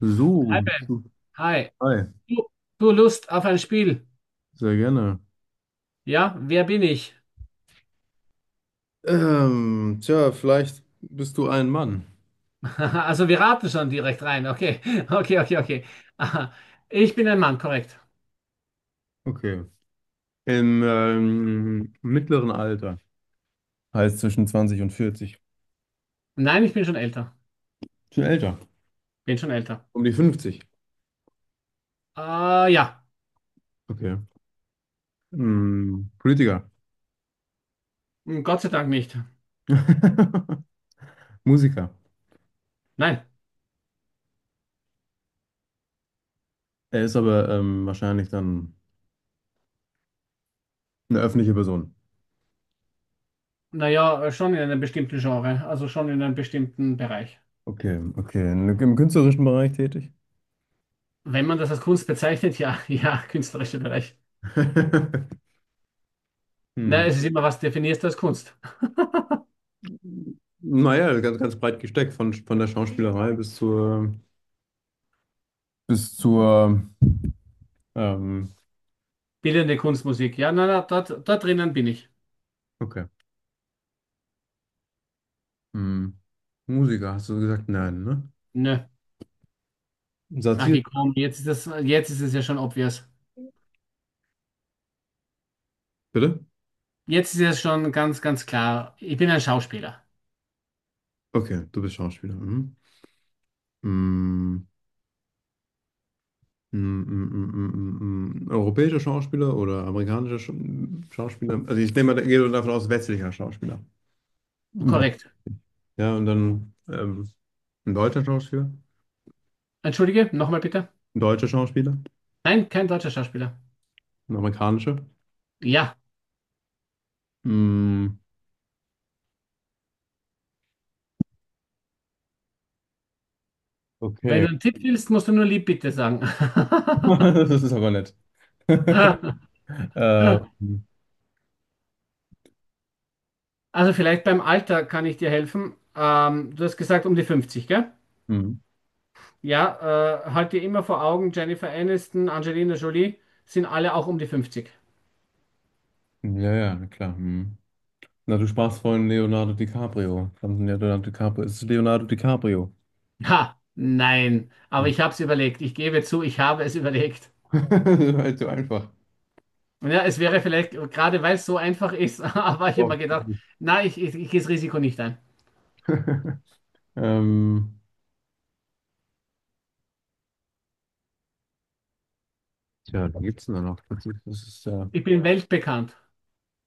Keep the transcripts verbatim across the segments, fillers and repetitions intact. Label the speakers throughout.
Speaker 1: So,
Speaker 2: Hi,
Speaker 1: bist
Speaker 2: Ben.
Speaker 1: du
Speaker 2: Hi.
Speaker 1: frei.
Speaker 2: Du, du Lust auf ein Spiel?
Speaker 1: Sehr gerne.
Speaker 2: Ja, wer bin ich?
Speaker 1: Ähm, tja, vielleicht bist du ein Mann.
Speaker 2: Also wir raten schon direkt rein. Okay, okay, okay, okay. Aha. Ich bin ein Mann, korrekt.
Speaker 1: Okay. Im ähm, mittleren Alter. Heißt zwischen zwanzig und vierzig.
Speaker 2: Nein, ich bin schon älter.
Speaker 1: Schon älter.
Speaker 2: Bin schon älter.
Speaker 1: Um die fünfzig.
Speaker 2: Äh, ja,
Speaker 1: Okay. Hm, Politiker.
Speaker 2: Hm, Gott sei Dank nicht.
Speaker 1: Musiker.
Speaker 2: Nein.
Speaker 1: Er ist aber ähm, wahrscheinlich dann eine öffentliche Person.
Speaker 2: Naja, schon in einem bestimmten Genre, also schon in einem bestimmten Bereich.
Speaker 1: Okay, okay. Im künstlerischen Bereich tätig.
Speaker 2: Wenn man das als Kunst bezeichnet, ja, ja, künstlerischer Bereich. Na,
Speaker 1: Hm.
Speaker 2: es ist immer, was definierst du als Kunst?
Speaker 1: Naja, ganz, ganz breit gesteckt, von, von der Schauspielerei bis zur bis zur, ähm,
Speaker 2: Bildende Kunstmusik. Ja, na, na, dort, dort drinnen bin ich.
Speaker 1: okay. Hm. Musiker, hast du gesagt? Nein, ne?
Speaker 2: Nö. Ach,
Speaker 1: Satire.
Speaker 2: gekommen. Jetzt ist das, jetzt ist es ja schon obvious.
Speaker 1: Bitte?
Speaker 2: Jetzt ist es schon ganz, ganz klar. Ich bin ein Schauspieler.
Speaker 1: Okay, du bist Schauspieler. Mhm. Hm, hm, hm, hm, hm, hm, hm. hm. Europäischer Schauspieler oder amerikanischer Sch Schauspieler? Also ich nehme mal, gehe nur davon aus, westlicher Schauspieler. Wett-
Speaker 2: Korrekt.
Speaker 1: Ja, und dann ähm, ein deutscher Schauspieler,
Speaker 2: Entschuldige, nochmal bitte.
Speaker 1: ein deutscher Schauspieler,
Speaker 2: Nein, kein deutscher Schauspieler.
Speaker 1: ein amerikanischer.
Speaker 2: Ja.
Speaker 1: Hm,
Speaker 2: Wenn
Speaker 1: okay,
Speaker 2: du einen Tipp willst, musst du nur lieb bitte sagen.
Speaker 1: das ist aber nett. Ähm,
Speaker 2: Also vielleicht beim Alter kann ich dir helfen. Ähm, du hast gesagt um die fünfzig, gell?
Speaker 1: hm,
Speaker 2: Ja, äh, halt dir immer vor Augen, Jennifer Aniston, Angelina Jolie sind alle auch um die fünfzig.
Speaker 1: ja, ja, na klar. Hm. Na, du sprachst vorhin Leonardo DiCaprio. Verdammt, Leonardo DiCaprio. Es ist Leonardo DiCaprio.
Speaker 2: Ha, nein.
Speaker 1: Hm.
Speaker 2: Aber ich habe es überlegt. Ich gebe zu, ich habe es überlegt.
Speaker 1: Das war halt so einfach.
Speaker 2: Ja, es wäre vielleicht, gerade weil es so einfach ist, habe ich
Speaker 1: Oh.
Speaker 2: immer gedacht, na, ich, ich, ich gehe das Risiko nicht ein.
Speaker 1: Ähm, tja, da gibt's denn da noch. Das ist, das ist äh,
Speaker 2: Ich bin weltbekannt.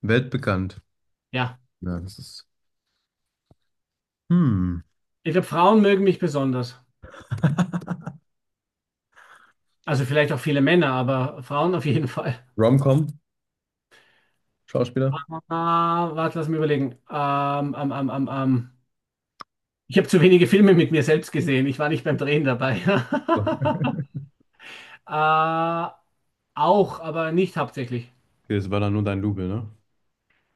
Speaker 1: weltbekannt.
Speaker 2: Ja.
Speaker 1: Ja, das ist. Hm.
Speaker 2: Ich glaube, Frauen mögen mich besonders. Also vielleicht auch viele Männer, aber Frauen auf jeden Fall.
Speaker 1: Rom-Com, Schauspieler.
Speaker 2: Ah, warte, lass mich überlegen. Ähm, ähm, ähm, ähm, ähm. Ich habe zu wenige Filme mit mir selbst gesehen. Ich war nicht beim Drehen dabei. äh, auch, aber nicht hauptsächlich.
Speaker 1: Okay, das war dann nur dein Double, ne?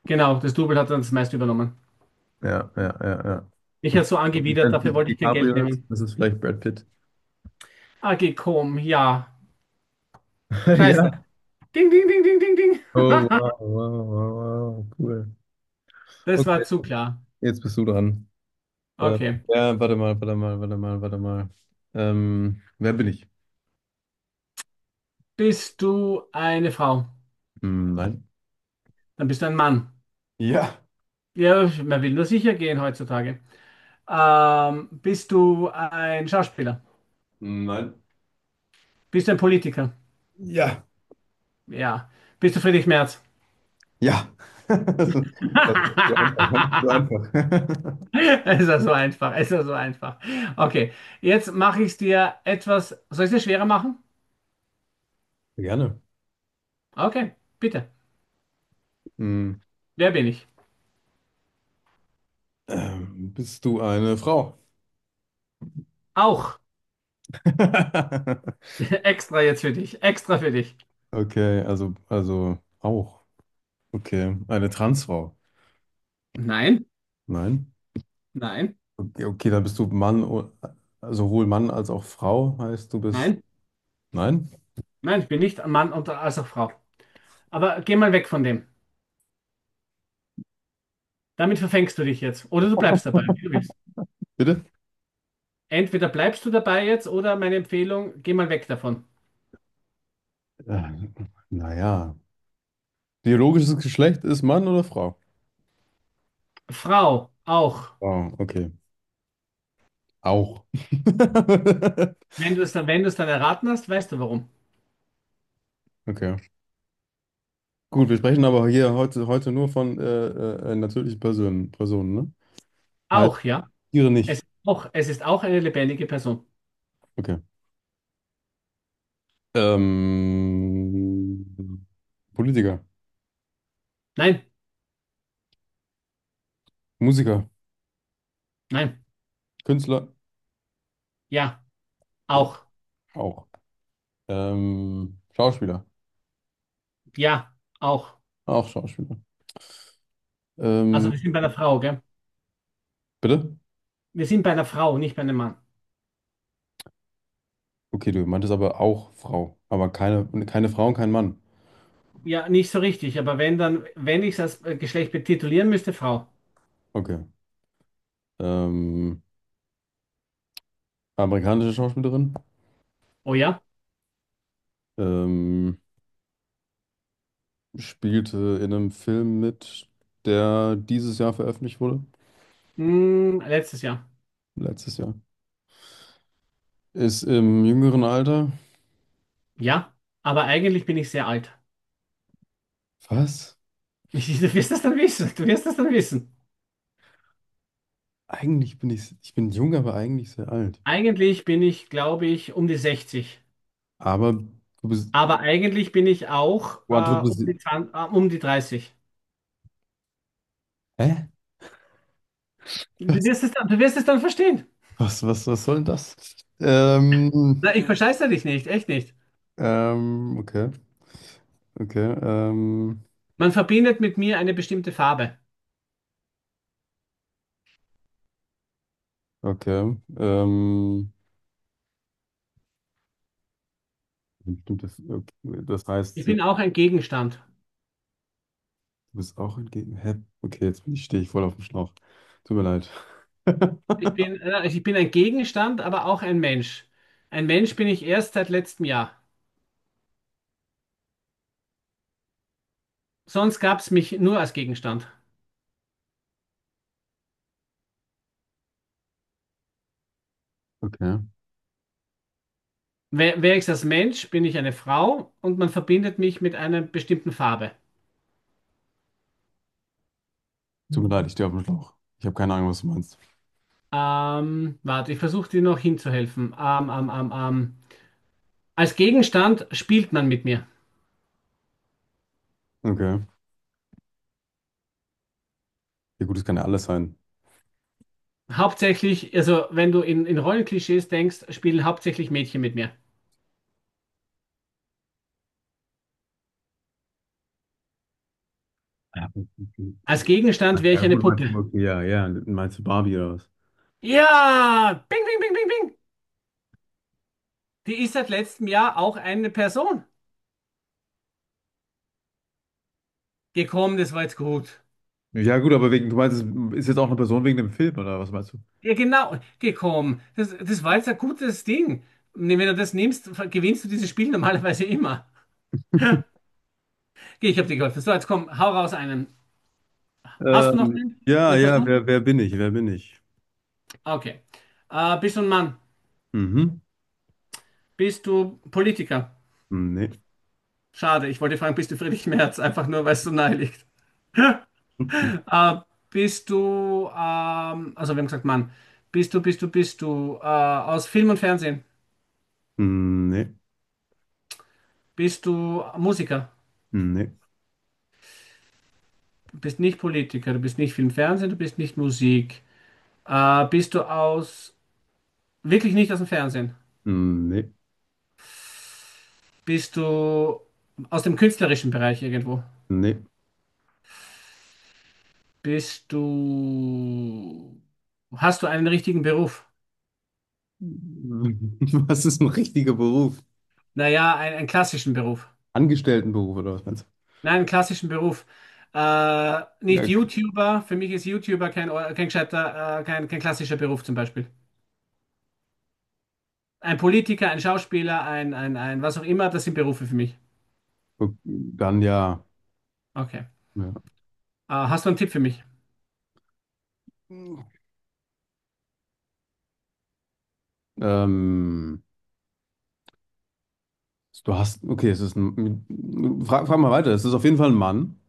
Speaker 2: Genau, das Double hat dann das meiste übernommen.
Speaker 1: Ja, ja, ja, ja.
Speaker 2: Mich hat so angewidert,
Speaker 1: Wenn es
Speaker 2: dafür
Speaker 1: nicht
Speaker 2: wollte ich kein Geld
Speaker 1: DiCaprio ist,
Speaker 2: nehmen.
Speaker 1: das ist vielleicht Brad Pitt.
Speaker 2: A G Com, ja. Scheiße.
Speaker 1: Ja.
Speaker 2: Ding, ding, ding, ding, ding, ding.
Speaker 1: Oh, wow, wow, wow, wow, wow, cool.
Speaker 2: Das war
Speaker 1: Okay,
Speaker 2: zu klar.
Speaker 1: jetzt bist du dran. Äh,
Speaker 2: Okay.
Speaker 1: ja, warte mal, warte mal, warte mal, warte mal. Ähm, wer bin ich?
Speaker 2: Bist du eine Frau?
Speaker 1: Hm, nein.
Speaker 2: Dann bist du ein Mann.
Speaker 1: Ja.
Speaker 2: Ja, man will nur sicher gehen heutzutage. Ähm, bist du ein Schauspieler?
Speaker 1: Hm, nein.
Speaker 2: Bist du ein Politiker?
Speaker 1: Ja,
Speaker 2: Ja. Bist du Friedrich Merz?
Speaker 1: ja. Das ist das ist zu einfach, ne? Zu einfach.
Speaker 2: Es ist ja so einfach, es ist ja so einfach. Okay, jetzt mache ich es dir etwas. Soll ich es dir schwerer machen?
Speaker 1: Gerne.
Speaker 2: Okay, bitte.
Speaker 1: Hm,
Speaker 2: Wer bin ich?
Speaker 1: ähm, bist du eine Frau?
Speaker 2: Auch. Extra jetzt für dich. Extra für dich.
Speaker 1: Okay, also, also auch. Okay, eine Transfrau?
Speaker 2: Nein,
Speaker 1: Nein.
Speaker 2: nein,
Speaker 1: Okay, okay, dann bist du Mann, o- sowohl Mann als auch Frau, heißt du bist.
Speaker 2: nein.
Speaker 1: Nein?
Speaker 2: Nein, ich bin nicht Mann und als auch Frau. Aber geh mal weg von dem. Damit verfängst du dich jetzt. Oder du bleibst dabei, wie du willst.
Speaker 1: Bitte?
Speaker 2: Entweder bleibst du dabei jetzt oder meine Empfehlung, geh mal weg davon.
Speaker 1: Äh, naja. Biologisches Geschlecht ist Mann oder Frau?
Speaker 2: Frau, auch.
Speaker 1: Oh, okay. Auch.
Speaker 2: Wenn du es dann, wenn du es dann erraten hast, weißt du warum.
Speaker 1: Okay. Gut, wir sprechen aber hier heute, heute nur von äh, äh, äh, natürlichen Personen, Personen, ne? Heißt
Speaker 2: Auch, ja.
Speaker 1: Tiere
Speaker 2: Es
Speaker 1: nicht.
Speaker 2: ist auch, es ist auch eine lebendige Person.
Speaker 1: Okay. Ähm, Politiker,
Speaker 2: Nein,
Speaker 1: Musiker,
Speaker 2: nein.
Speaker 1: Künstler,
Speaker 2: Ja,
Speaker 1: ja,
Speaker 2: auch.
Speaker 1: auch. Ähm, Schauspieler,
Speaker 2: Ja, auch.
Speaker 1: auch Schauspieler.
Speaker 2: Also
Speaker 1: Ähm,
Speaker 2: wir sind bei einer Frau, gell?
Speaker 1: bitte?
Speaker 2: Wir sind bei einer Frau, nicht bei einem Mann.
Speaker 1: Okay, du meintest aber auch Frau, aber keine, keine Frau und kein Mann.
Speaker 2: Ja, nicht so richtig, aber wenn dann, wenn ich es als äh, Geschlecht betitulieren müsste, Frau.
Speaker 1: Okay. Ähm, amerikanische Schauspielerin?
Speaker 2: Oh ja?
Speaker 1: Ähm, spielte in einem Film mit, der dieses Jahr veröffentlicht wurde.
Speaker 2: Hm, letztes Jahr.
Speaker 1: Letztes Jahr. Ist im jüngeren Alter.
Speaker 2: Ja, aber eigentlich bin ich sehr alt.
Speaker 1: Was?
Speaker 2: Du wirst das dann wissen. Du wirst das dann wissen.
Speaker 1: Eigentlich bin ich, ich bin jung, aber eigentlich sehr alt.
Speaker 2: Eigentlich bin ich, glaube ich, um die sechzig.
Speaker 1: Aber du bist,
Speaker 2: Aber eigentlich bin ich auch
Speaker 1: Quattro,
Speaker 2: äh,
Speaker 1: du
Speaker 2: um
Speaker 1: bist,
Speaker 2: die zwanzig, äh, um die dreißig.
Speaker 1: hä?
Speaker 2: Du
Speaker 1: Was,
Speaker 2: wirst es dann, du wirst es dann verstehen.
Speaker 1: was, was, was soll denn das? Ähm,
Speaker 2: Na, ich verscheiße dich nicht, echt nicht.
Speaker 1: ähm, okay, okay, ähm,
Speaker 2: Man verbindet mit mir eine bestimmte Farbe.
Speaker 1: okay, ähm, bestimmte- okay. Das heißt,
Speaker 2: Ich
Speaker 1: sie
Speaker 2: bin auch ein Gegenstand.
Speaker 1: du bist auch entgegen. Hä? Okay, jetzt bin ich, stehe ich voll auf dem Schlauch. Tut mir leid.
Speaker 2: Ich bin, äh, ich bin ein Gegenstand, aber auch ein Mensch. Ein Mensch bin ich erst seit letztem Jahr. Sonst gab es mich nur als Gegenstand.
Speaker 1: Okay.
Speaker 2: Wer, wer ist als Mensch? Bin ich eine Frau und man verbindet mich mit einer bestimmten Farbe.
Speaker 1: Tut mir leid, ich stehe auf dem Schlauch. Ich habe keine Ahnung, was du meinst.
Speaker 2: Ähm, warte, ich versuche dir noch hinzuhelfen. Ähm, ähm, ähm, ähm. Als Gegenstand spielt man mit mir.
Speaker 1: Okay. Ja, gut, das kann ja alles sein.
Speaker 2: Hauptsächlich, also wenn du in, in Rollenklischees denkst, spielen hauptsächlich Mädchen mit mir.
Speaker 1: Ja,
Speaker 2: Als Gegenstand wäre
Speaker 1: ja,
Speaker 2: ich eine
Speaker 1: gut, meinst du,
Speaker 2: Puppe.
Speaker 1: okay, ja, ja. Meinst du Barbie oder was?
Speaker 2: Ja, bing, bing, bing, bing, bing. Die ist seit letztem Jahr auch eine Person gekommen, das war jetzt gut.
Speaker 1: Ja, gut, aber wegen, du meinst, es ist jetzt auch eine Person wegen dem Film, oder was meinst du?
Speaker 2: Ja, genau, gekommen. Das, das war jetzt ein gutes Ding. Nee, wenn du das nimmst, gewinnst du dieses Spiel normalerweise immer. Okay, ich habe dir geholfen. So, jetzt komm, hau raus einen. Hast du noch
Speaker 1: Ähm,
Speaker 2: einen?
Speaker 1: ja,
Speaker 2: Eine
Speaker 1: ja,
Speaker 2: Person?
Speaker 1: wer, wer bin ich? Wer bin ich?
Speaker 2: Okay. Äh, bist du ein Mann?
Speaker 1: Mhm.
Speaker 2: Bist du Politiker?
Speaker 1: Nee.
Speaker 2: Schade, ich wollte fragen, bist du Friedrich Merz? Einfach nur, weil es so nahe liegt. Äh, Bist du, ähm, also wir haben gesagt Mann. Bist du, bist du, bist du äh, aus Film und Fernsehen?
Speaker 1: Nee.
Speaker 2: Bist du Musiker?
Speaker 1: Nee.
Speaker 2: Du bist nicht Politiker, du bist nicht Film, Fernsehen, du bist nicht Musik. Äh, bist du aus, wirklich nicht aus dem Fernsehen?
Speaker 1: Nee.
Speaker 2: Bist du aus dem künstlerischen Bereich irgendwo?
Speaker 1: Nee.
Speaker 2: Bist du, hast du einen richtigen Beruf?
Speaker 1: Was ist ein richtiger Beruf?
Speaker 2: Naja, ein, einen klassischen Beruf.
Speaker 1: Angestelltenberuf oder was meinst
Speaker 2: Nein, einen klassischen Beruf. Äh,
Speaker 1: du?
Speaker 2: nicht
Speaker 1: Ja,
Speaker 2: YouTuber. Für mich ist YouTuber kein, kein gescheiter, äh, kein, kein klassischer Beruf zum Beispiel. Ein Politiker, ein Schauspieler, ein, ein, ein, was auch immer, das sind Berufe für mich.
Speaker 1: okay. Dann ja.
Speaker 2: Okay.
Speaker 1: Ja.
Speaker 2: Äh, hast du einen Tipp für mich?
Speaker 1: Ähm, du hast, okay, es ist ein, frag, frag mal weiter. Es ist auf jeden Fall ein Mann.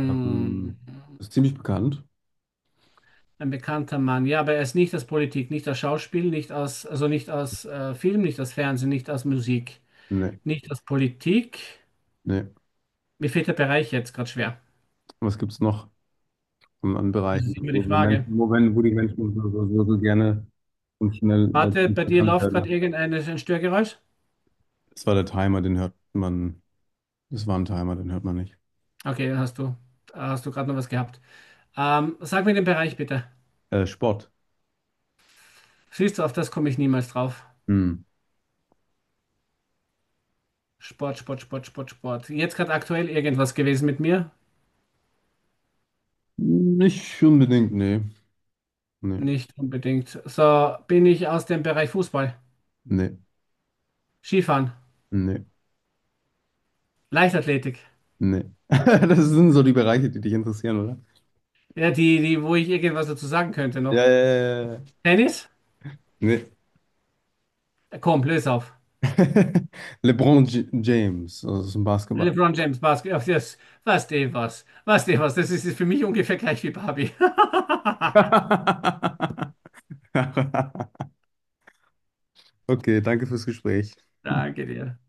Speaker 1: Ja. Ähm, ist ziemlich bekannt.
Speaker 2: Ein bekannter Mann. Ja, aber er ist nicht aus Politik, nicht aus Schauspiel, nicht aus, also nicht aus äh, Film, nicht aus Fernsehen, nicht aus Musik,
Speaker 1: Nee,
Speaker 2: nicht aus Politik.
Speaker 1: nee.
Speaker 2: Mir fehlt der Bereich jetzt gerade schwer.
Speaker 1: Was gibt's noch an, an
Speaker 2: Das
Speaker 1: Bereichen,
Speaker 2: ist immer die
Speaker 1: wo, wo
Speaker 2: Frage.
Speaker 1: Menschen, wo, wenn- wo die Menschen so, so, so, so gerne und schnell äh,
Speaker 2: Warte,
Speaker 1: ziemlich
Speaker 2: bei dir
Speaker 1: bekannt
Speaker 2: läuft gerade
Speaker 1: werden?
Speaker 2: irgendein ein Störgeräusch?
Speaker 1: Das war der Timer, den hört man. Das war ein Timer, den hört man nicht.
Speaker 2: Okay, dann hast du, hast du gerade noch was gehabt. Ähm, sag mir den Bereich bitte.
Speaker 1: Äh, Sport.
Speaker 2: Siehst du, auf das komme ich niemals drauf.
Speaker 1: Hm.
Speaker 2: Sport, Sport, Sport, Sport, Sport. Jetzt gerade aktuell irgendwas gewesen mit mir?
Speaker 1: Nicht unbedingt, nee. Nee,
Speaker 2: Nicht unbedingt. So, bin ich aus dem Bereich Fußball,
Speaker 1: nee,
Speaker 2: Skifahren,
Speaker 1: nee.
Speaker 2: Leichtathletik.
Speaker 1: Nee. Das sind so die Bereiche, die dich interessieren, oder?
Speaker 2: Ja, die, die, wo ich irgendwas dazu sagen könnte noch.
Speaker 1: Ja, ja, ja, ja. Ja.
Speaker 2: Tennis?
Speaker 1: Nee.
Speaker 2: Äh, Komm, löse auf.
Speaker 1: LeBron J James, also das ist ein Basketball.
Speaker 2: LeBron James Basketball. Das, was, der was. Was, der was. Das ist für mich ungefähr gleich wie Barbie.
Speaker 1: Okay, danke fürs Gespräch.
Speaker 2: Danke dir.